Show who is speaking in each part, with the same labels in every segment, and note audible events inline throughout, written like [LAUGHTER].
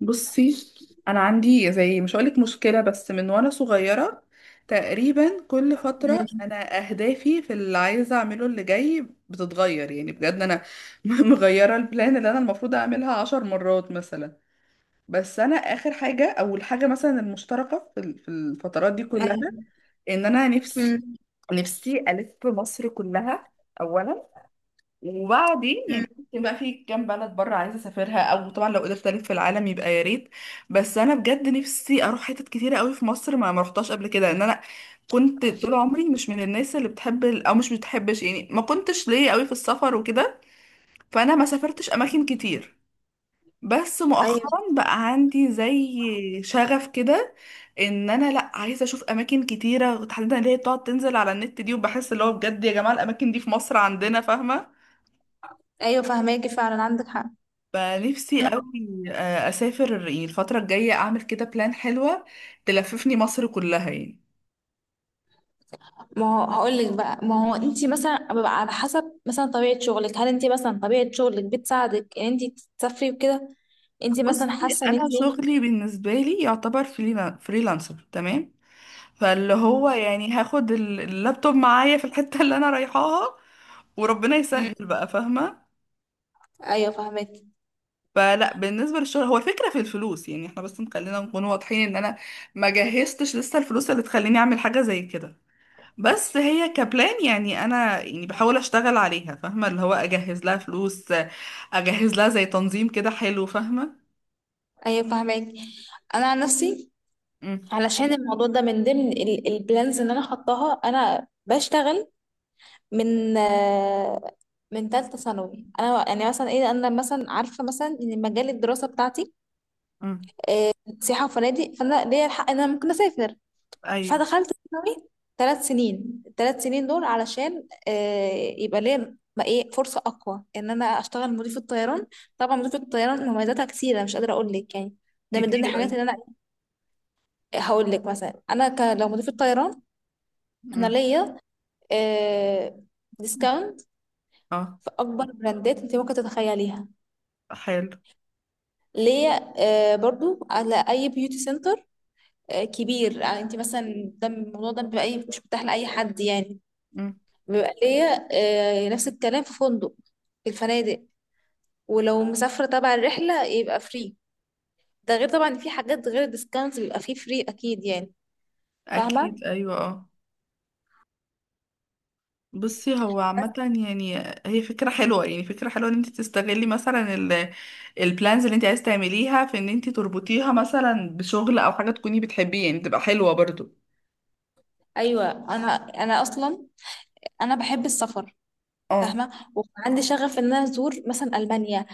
Speaker 1: بصي، انا عندي زي مش هقولك مشكله، بس من وانا صغيره تقريبا كل فتره
Speaker 2: مم.
Speaker 1: انا اهدافي في اللي عايزه اعمله اللي جاي بتتغير. يعني بجد انا [LAUGHS] مغيره البلان اللي انا المفروض اعملها 10 مرات مثلا. بس انا اخر حاجه او الحاجه مثلا المشتركه في في الفترات دي كلها
Speaker 2: ايوه.
Speaker 1: ان انا نفسي
Speaker 2: مم.
Speaker 1: نفسي الف مصر كلها اولا. وبعدين يعني
Speaker 2: مم.
Speaker 1: ممكن بقى في كام بلد بره عايزه اسافرها، او طبعا لو قدرت الف في العالم يبقى يا ريت. بس انا بجد نفسي اروح حتت كتيره قوي في مصر ما رحتهاش قبل كده. ان انا كنت طول عمري مش من الناس اللي بتحب او مش بتحبش يعني، ما كنتش ليا قوي في السفر وكده. فانا ما سافرتش اماكن كتير. بس
Speaker 2: ايوه.
Speaker 1: مؤخرا بقى عندي زي شغف كده ان انا لا عايزه اشوف اماكن كتيره، تحديدا اللي هي بتقعد تنزل على النت دي، وبحس اللي هو بجد يا جماعه الاماكن دي في مصر عندنا، فاهمه؟
Speaker 2: ايوه فهماكي، فعلا عندك حق.
Speaker 1: فنفسي قوي
Speaker 2: انا،
Speaker 1: اسافر يعني الفتره الجايه اعمل كده بلان حلوه تلففني مصر كلها يعني.
Speaker 2: ما هو هقول لك بقى، ما هو انت مثلا ببقى على حسب مثلا طبيعه شغلك بتساعدك ان انت تسافري وكده؟ انت
Speaker 1: بصي،
Speaker 2: مثلا حاسه ان انت
Speaker 1: انا
Speaker 2: إيه؟
Speaker 1: شغلي بالنسبه لي يعتبر فريلانسر، تمام؟ فاللي هو
Speaker 2: مم.
Speaker 1: يعني هاخد اللابتوب معايا في الحته اللي انا رايحاها، وربنا
Speaker 2: مم.
Speaker 1: يسهل بقى، فاهمه؟
Speaker 2: ايوه فهماكي.
Speaker 1: فلا، بالنسبه للشغل هو، الفكره في الفلوس، يعني احنا بس خلينا نكون واضحين ان انا ما جهزتش لسه الفلوس اللي تخليني اعمل حاجه زي كده. بس هي كبلان يعني انا يعني بحاول اشتغل عليها، فاهمه؟ اللي هو اجهز لها فلوس، اجهز لها زي تنظيم كده حلو، فاهمه؟
Speaker 2: ايوه فهماكي انا عن نفسي،
Speaker 1: مم.
Speaker 2: علشان الموضوع ده من ضمن البلانز اللي انا حطاها، انا بشتغل من من ثالثه ثانوي. انا يعني مثلا ايه، انا مثلا عارفه مثلا ان مجال الدراسه بتاعتي
Speaker 1: مم.
Speaker 2: سياحة وفنادق، فأنا ليا الحق إن أنا ممكن أسافر.
Speaker 1: ايوه،
Speaker 2: فدخلت ثانوي 3 سنين. ال3 سنين دول علشان يبقى ليا ما ايه فرصة أقوى إن أنا أشتغل مضيفة طيران. طبعا مضيفة الطيران مميزاتها كثيرة، مش قادرة أقول لك يعني. ده من ضمن
Speaker 1: كتير
Speaker 2: الحاجات
Speaker 1: ايوه.
Speaker 2: اللي أنا هقول لك. مثلا أنا لو مضيفة طيران، أنا
Speaker 1: مم.
Speaker 2: ليا آه، ديسكاونت
Speaker 1: اه.
Speaker 2: في أكبر براندات أنت ممكن تتخيليها.
Speaker 1: حلو.
Speaker 2: ليا برضو على اي بيوتي سنتر كبير. يعني انت مثلا، ده الموضوع ده بيبقى مش متاح لاي حد يعني.
Speaker 1: مم.
Speaker 2: بيبقى ليا نفس الكلام في فندق، في الفنادق. ولو مسافرة تبع الرحلة يبقى فري. ده غير طبعا في حاجات غير الديسكاونت، بيبقى فيه فري أكيد يعني. فاهمة؟
Speaker 1: اكيد ايوه، اه. بصي هو
Speaker 2: بس
Speaker 1: عامة، يعني هي فكرة حلوة، يعني فكرة حلوة ان انت تستغلي مثلا ال البلانز اللي انت عايز تعمليها في ان انت تربطيها مثلا بشغل او حاجة تكوني بتحبيه، يعني تبقى حلوة برضو.
Speaker 2: أيوة، أنا أصلا أنا بحب السفر.
Speaker 1: اه.
Speaker 2: فاهمة؟ وعندي شغف إن أنا أزور مثلا ألمانيا،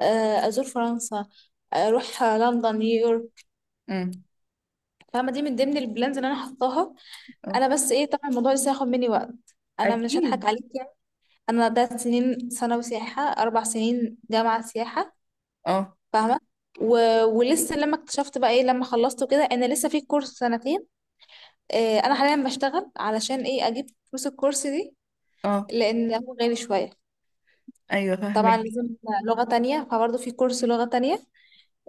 Speaker 2: أزور فرنسا، أروح لندن، نيويورك.
Speaker 1: مم.
Speaker 2: فاهمة؟ دي من ضمن البلانز اللي أنا حطاها.
Speaker 1: اه.
Speaker 2: أنا بس إيه، طبعا الموضوع لسه هياخد مني وقت، أنا مش هضحك
Speaker 1: اكيد.
Speaker 2: عليك يعني. أنا ده سنين ثانوي سياحة، 4 سنين جامعة سياحة.
Speaker 1: اه.
Speaker 2: فاهمه؟ و... ولسه لما اكتشفت بقى ايه لما خلصت كده، انا لسه في كورس سنتين. آه، انا حاليا بشتغل علشان ايه، اجيب فلوس الكورس دي،
Speaker 1: اه،
Speaker 2: لان هو غالي شويه.
Speaker 1: ايوه
Speaker 2: طبعا
Speaker 1: فاهمك.
Speaker 2: لازم لغه تانية، فبرضه في كورس لغه تانية.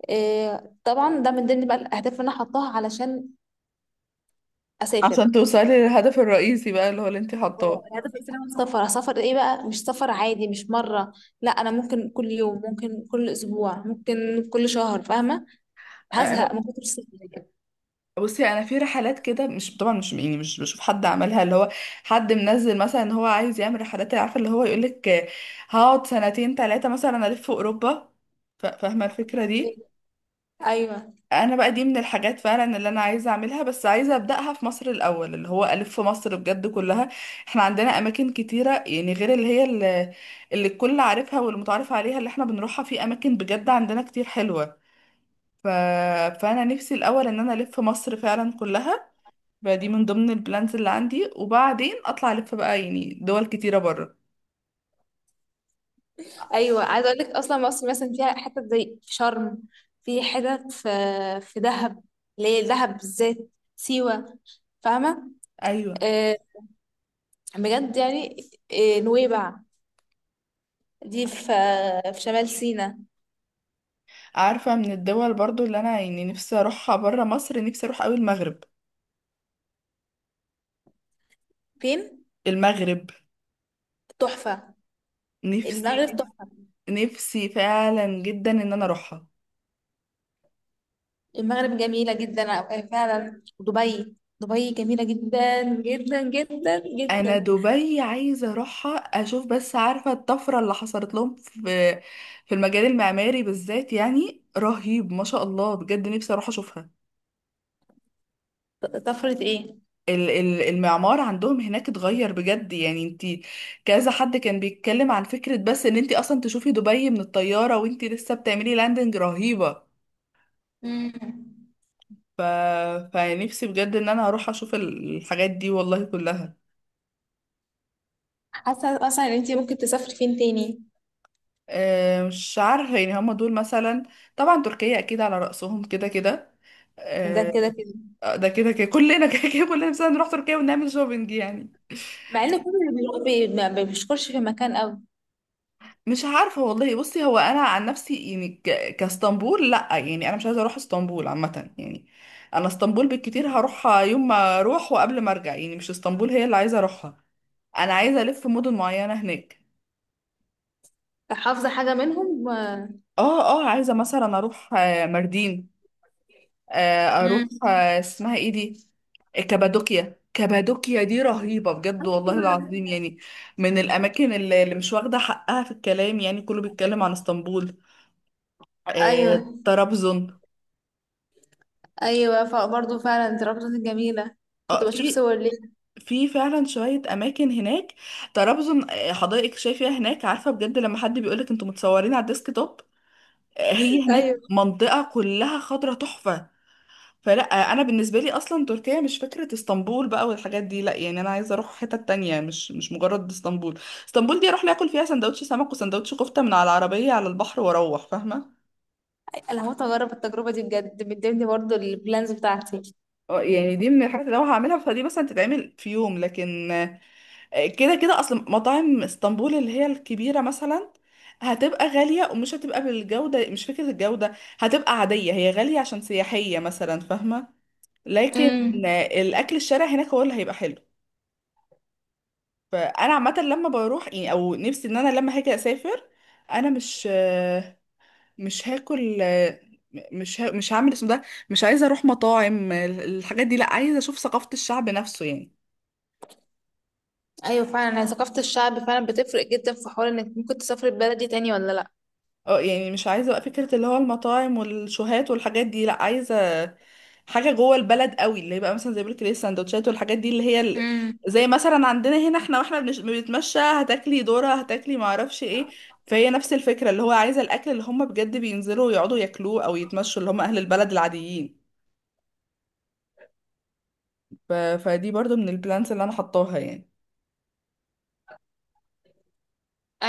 Speaker 2: آه طبعا ده من ضمن بقى الاهداف اللي انا حطاها علشان اسافر.
Speaker 1: عشان توصلي للهدف الرئيسي بقى، اللي هو اللي انت
Speaker 2: اه،
Speaker 1: حاطاه.
Speaker 2: الهدف الاساسي انا سفر. سفر ايه بقى؟ مش سفر عادي، مش مره. لا، انا ممكن كل يوم، ممكن كل اسبوع، ممكن كل شهر. فاهمه؟ هزهق
Speaker 1: انا،
Speaker 2: من كتر السفر.
Speaker 1: بصي انا في رحلات كده، مش طبعا مش يعني مش بشوف حد عملها، اللي هو حد منزل مثلا ان هو عايز يعمل رحلات، عارفه اللي هو يقولك هقعد 2 3 سنين مثلا الف في اوروبا، فاهمه الفكره دي؟
Speaker 2: ايوه.
Speaker 1: انا بقى دي من الحاجات فعلا اللي انا عايزه اعملها، بس عايزه ابداها في مصر الاول اللي هو الف في مصر بجد كلها. احنا عندنا اماكن كتيره يعني غير اللي هي اللي الكل عارفها والمتعارف عليها اللي احنا بنروحها، في اماكن بجد عندنا كتير حلوه. ف... فانا نفسي الاول ان انا الف مصر فعلا كلها. فدي من ضمن البلانز اللي عندي، وبعدين اطلع الف بقى يعني دول كتيره بره.
Speaker 2: ايوه، عايزه اقول لك، اصلا مصر مثلا فيها حتت زي في شرم، في حتت في في دهب. ليه دهب بالذات؟ سيوه. فاهمه؟
Speaker 1: ايوه،
Speaker 2: آه، بجد يعني. آه، نويبع. دي في في شمال سيناء.
Speaker 1: عارفه من الدول برضو اللي انا يعني نفسي اروحها بره مصر، نفسي اروح قوي المغرب.
Speaker 2: فين؟
Speaker 1: المغرب.
Speaker 2: تحفه.
Speaker 1: نفسي
Speaker 2: المغرب تحفه.
Speaker 1: نفسي فعلا جدا ان انا اروحها.
Speaker 2: المغرب جميله جدا. آه، فعلا دبي. دبي جميله جدا جدا جدا
Speaker 1: انا
Speaker 2: جدا.
Speaker 1: دبي عايزه اروحها اشوف، بس عارفه الطفره اللي حصلت لهم في في المجال المعماري بالذات، يعني رهيب ما شاء الله، بجد نفسي اروح اشوفها.
Speaker 2: طفره ايه؟
Speaker 1: المعمار عندهم هناك اتغير بجد، يعني انتي، كذا حد كان بيتكلم عن فكره بس ان انتي اصلا تشوفي دبي من الطياره وانتي لسه بتعملي لاندنج رهيبه.
Speaker 2: مم.
Speaker 1: ف... فنفسي بجد ان انا اروح اشوف الحاجات دي والله كلها.
Speaker 2: حاسه مثلا ان انت ممكن تسافري فين تاني؟
Speaker 1: مش عارفة يعني هما دول مثلا. طبعا تركيا أكيد على رأسهم كده كده.
Speaker 2: ده
Speaker 1: آه،
Speaker 2: كده كده.
Speaker 1: ده كده كده، كلنا [LAUGHS] كده كده كلنا مثلا نروح تركيا ونعمل شوبينج يعني.
Speaker 2: مع ان كل اللي بيروح ما بيشكرش في مكان قوي.
Speaker 1: مش عارفة والله. بصي هو أنا عن نفسي يعني كاسطنبول لأ، يعني أنا مش عايزة أروح اسطنبول عامة يعني. أنا اسطنبول بالكتير هروحها يوم ما أروح وقبل ما أرجع، يعني مش اسطنبول هي اللي عايزة أروحها. أنا عايزة ألف مدن معينة هناك.
Speaker 2: فحافظه حاجه منهم؟ آه.
Speaker 1: اه عايزة مثلا أروح ماردين، اروح
Speaker 2: امم.
Speaker 1: اسمها ايه دي، كابادوكيا. كابادوكيا دي رهيبة بجد والله العظيم، يعني من الأماكن اللي مش واخدة حقها في الكلام، يعني كله بيتكلم عن اسطنبول.
Speaker 2: ايوه.
Speaker 1: طرابزون.
Speaker 2: ايوه فبرضه فعلا دي ربطة جميله. كنت بشوف
Speaker 1: في
Speaker 2: صور ليه.
Speaker 1: فعلا شوية أماكن هناك. طرابزون، حدائق شايفها هناك عارفة، بجد لما حد بيقولك انتوا متصورين على الديسك توب. هي هناك
Speaker 2: ايوه،
Speaker 1: منطقة كلها خضرة تحفة. فلا، انا بالنسبه لي اصلا تركيا مش فكره اسطنبول بقى والحاجات دي، لا، يعني انا عايزه اروح حته تانية، مش مجرد اسطنبول. اسطنبول دي اروح لي اكل فيها سندوتش سمك وسندوتش كفته من على العربيه على البحر واروح، فاهمه؟
Speaker 2: انا هموت اجرب التجربه دي بجد، من ضمن برضه البلانز بتاعتي.
Speaker 1: اه يعني دي من الحاجات اللي لو هعملها فدي مثلا تتعمل في يوم. لكن كده كده اصلا مطاعم اسطنبول اللي هي الكبيره مثلا هتبقى غاليه، ومش هتبقى بالجوده، مش فكره الجوده، هتبقى عاديه، هي غاليه عشان سياحيه مثلا، فاهمه؟
Speaker 2: امم.
Speaker 1: لكن الاكل الشارع هناك هو اللي هيبقى حلو. فانا عامه لما بروح يعني، او نفسي ان انا لما هاجي اسافر، انا مش هاكل، مش هعمل اسم ده، مش عايزه اروح مطاعم الحاجات دي، لا، عايزه اشوف ثقافه الشعب نفسه يعني.
Speaker 2: ايوه فعلا، هي ثقافه الشعب فعلا بتفرق جدا في حوار انك ممكن تسافر البلد دي تاني ولا لا.
Speaker 1: اه يعني مش عايزة بقى فكرة اللي هو المطاعم والشوهات والحاجات دي، لا، عايزة حاجة جوه البلد قوي اللي هي بقى مثلا زي ما بقولك، السندوتشات والحاجات دي اللي هي
Speaker 2: امم.
Speaker 1: زي مثلا عندنا هنا احنا، واحنا بنتمشى هتاكلي ذرة هتاكلي معرفش ايه. فهي نفس الفكرة، اللي هو عايزة الأكل اللي هم بجد بينزلوا يقعدوا ياكلوه أو يتمشوا، اللي هم أهل البلد العاديين. فدي برضو من البلانس اللي أنا حطاها يعني.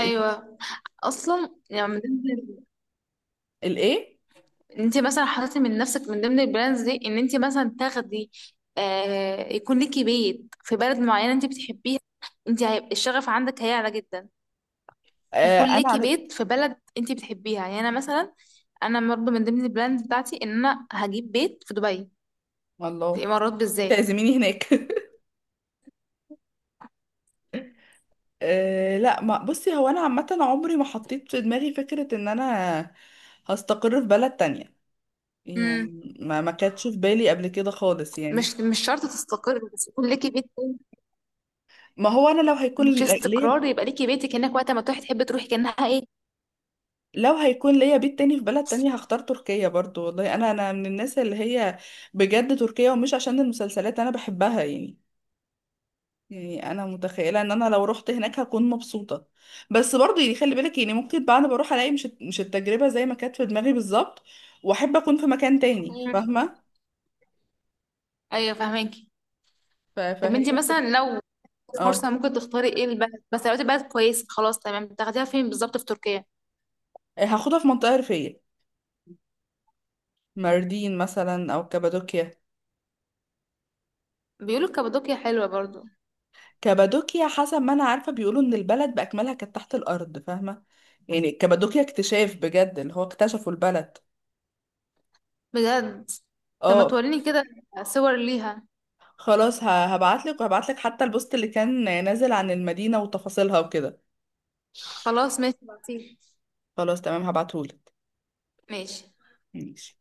Speaker 1: ال-
Speaker 2: اصلا يعني
Speaker 1: الإيه؟
Speaker 2: انت مثلا حطيتي من نفسك من ضمن البراندز دي ان انت مثلا تاخدي، آه، يكون ليكي بيت في بلد معينه انت بتحبيها؟ انت هيبقى الشغف عندك هيعلى جدا. يكون
Speaker 1: أنا
Speaker 2: ليكي
Speaker 1: على
Speaker 2: بيت في بلد انت بتحبيها. يعني انا مثلا، انا برضه من ضمن البراندز بتاعتي ان انا هجيب بيت في دبي، في
Speaker 1: الله
Speaker 2: الامارات بالذات.
Speaker 1: تعزميني هناك [LAUGHS] أه لا، ما بصي، هو انا عامه عمري ما حطيت في دماغي فكره ان انا هستقر في بلد تانية،
Speaker 2: امم.
Speaker 1: يعني ما كانتش في بالي قبل كده خالص يعني.
Speaker 2: مش شرط تستقر، بس يكون ليكي بيت.
Speaker 1: ما هو انا
Speaker 2: مش
Speaker 1: ليا
Speaker 2: استقرار، يبقى ليكي بيتك هناك، وقت ما تروحي تحبي تروحي كانها ايه.
Speaker 1: لو هيكون ليا بيت تاني في بلد تانية هختار تركيا برضو والله. انا من الناس اللي هي بجد تركيا، ومش عشان المسلسلات انا بحبها يعني، يعني انا متخيله ان انا لو رحت هناك هكون مبسوطه. بس برضه يعني خلي بالك يعني ممكن بقى انا بروح الاقي مش التجربه زي ما كانت في دماغي بالظبط، واحب اكون في مكان تاني،
Speaker 2: مم.
Speaker 1: فاهمه؟
Speaker 2: ايوه فاهماكي.
Speaker 1: ف-
Speaker 2: طب
Speaker 1: فهي
Speaker 2: انت
Speaker 1: بتبقى-
Speaker 2: مثلا، لو فرصة،
Speaker 1: اه،
Speaker 2: ممكن تختاري ايه البلد؟ بس لو لقيتي بلد كويس خلاص تمام، تاخديها فين بالظبط في تركيا؟
Speaker 1: هاخدها في منطقه ريفيه، ماردين مثلا او كابادوكيا.
Speaker 2: بيقولوا كابادوكيا حلوة برضو.
Speaker 1: كابادوكيا حسب ما انا عارفه بيقولوا ان البلد باكملها كانت تحت الارض، فاهمه؟ يعني كابادوكيا اكتشاف بجد اللي هو اكتشفوا البلد.
Speaker 2: بجد؟ طب ما
Speaker 1: اه.
Speaker 2: توريني كده صور ليها.
Speaker 1: خلاص، هبعت لك، وهبعت لك حتى البوست اللي كان نازل عن المدينه وتفاصيلها وكده.
Speaker 2: خلاص ماشي، بعتيلي.
Speaker 1: خلاص تمام، هبعتهولك.
Speaker 2: ماشي.
Speaker 1: ماشي.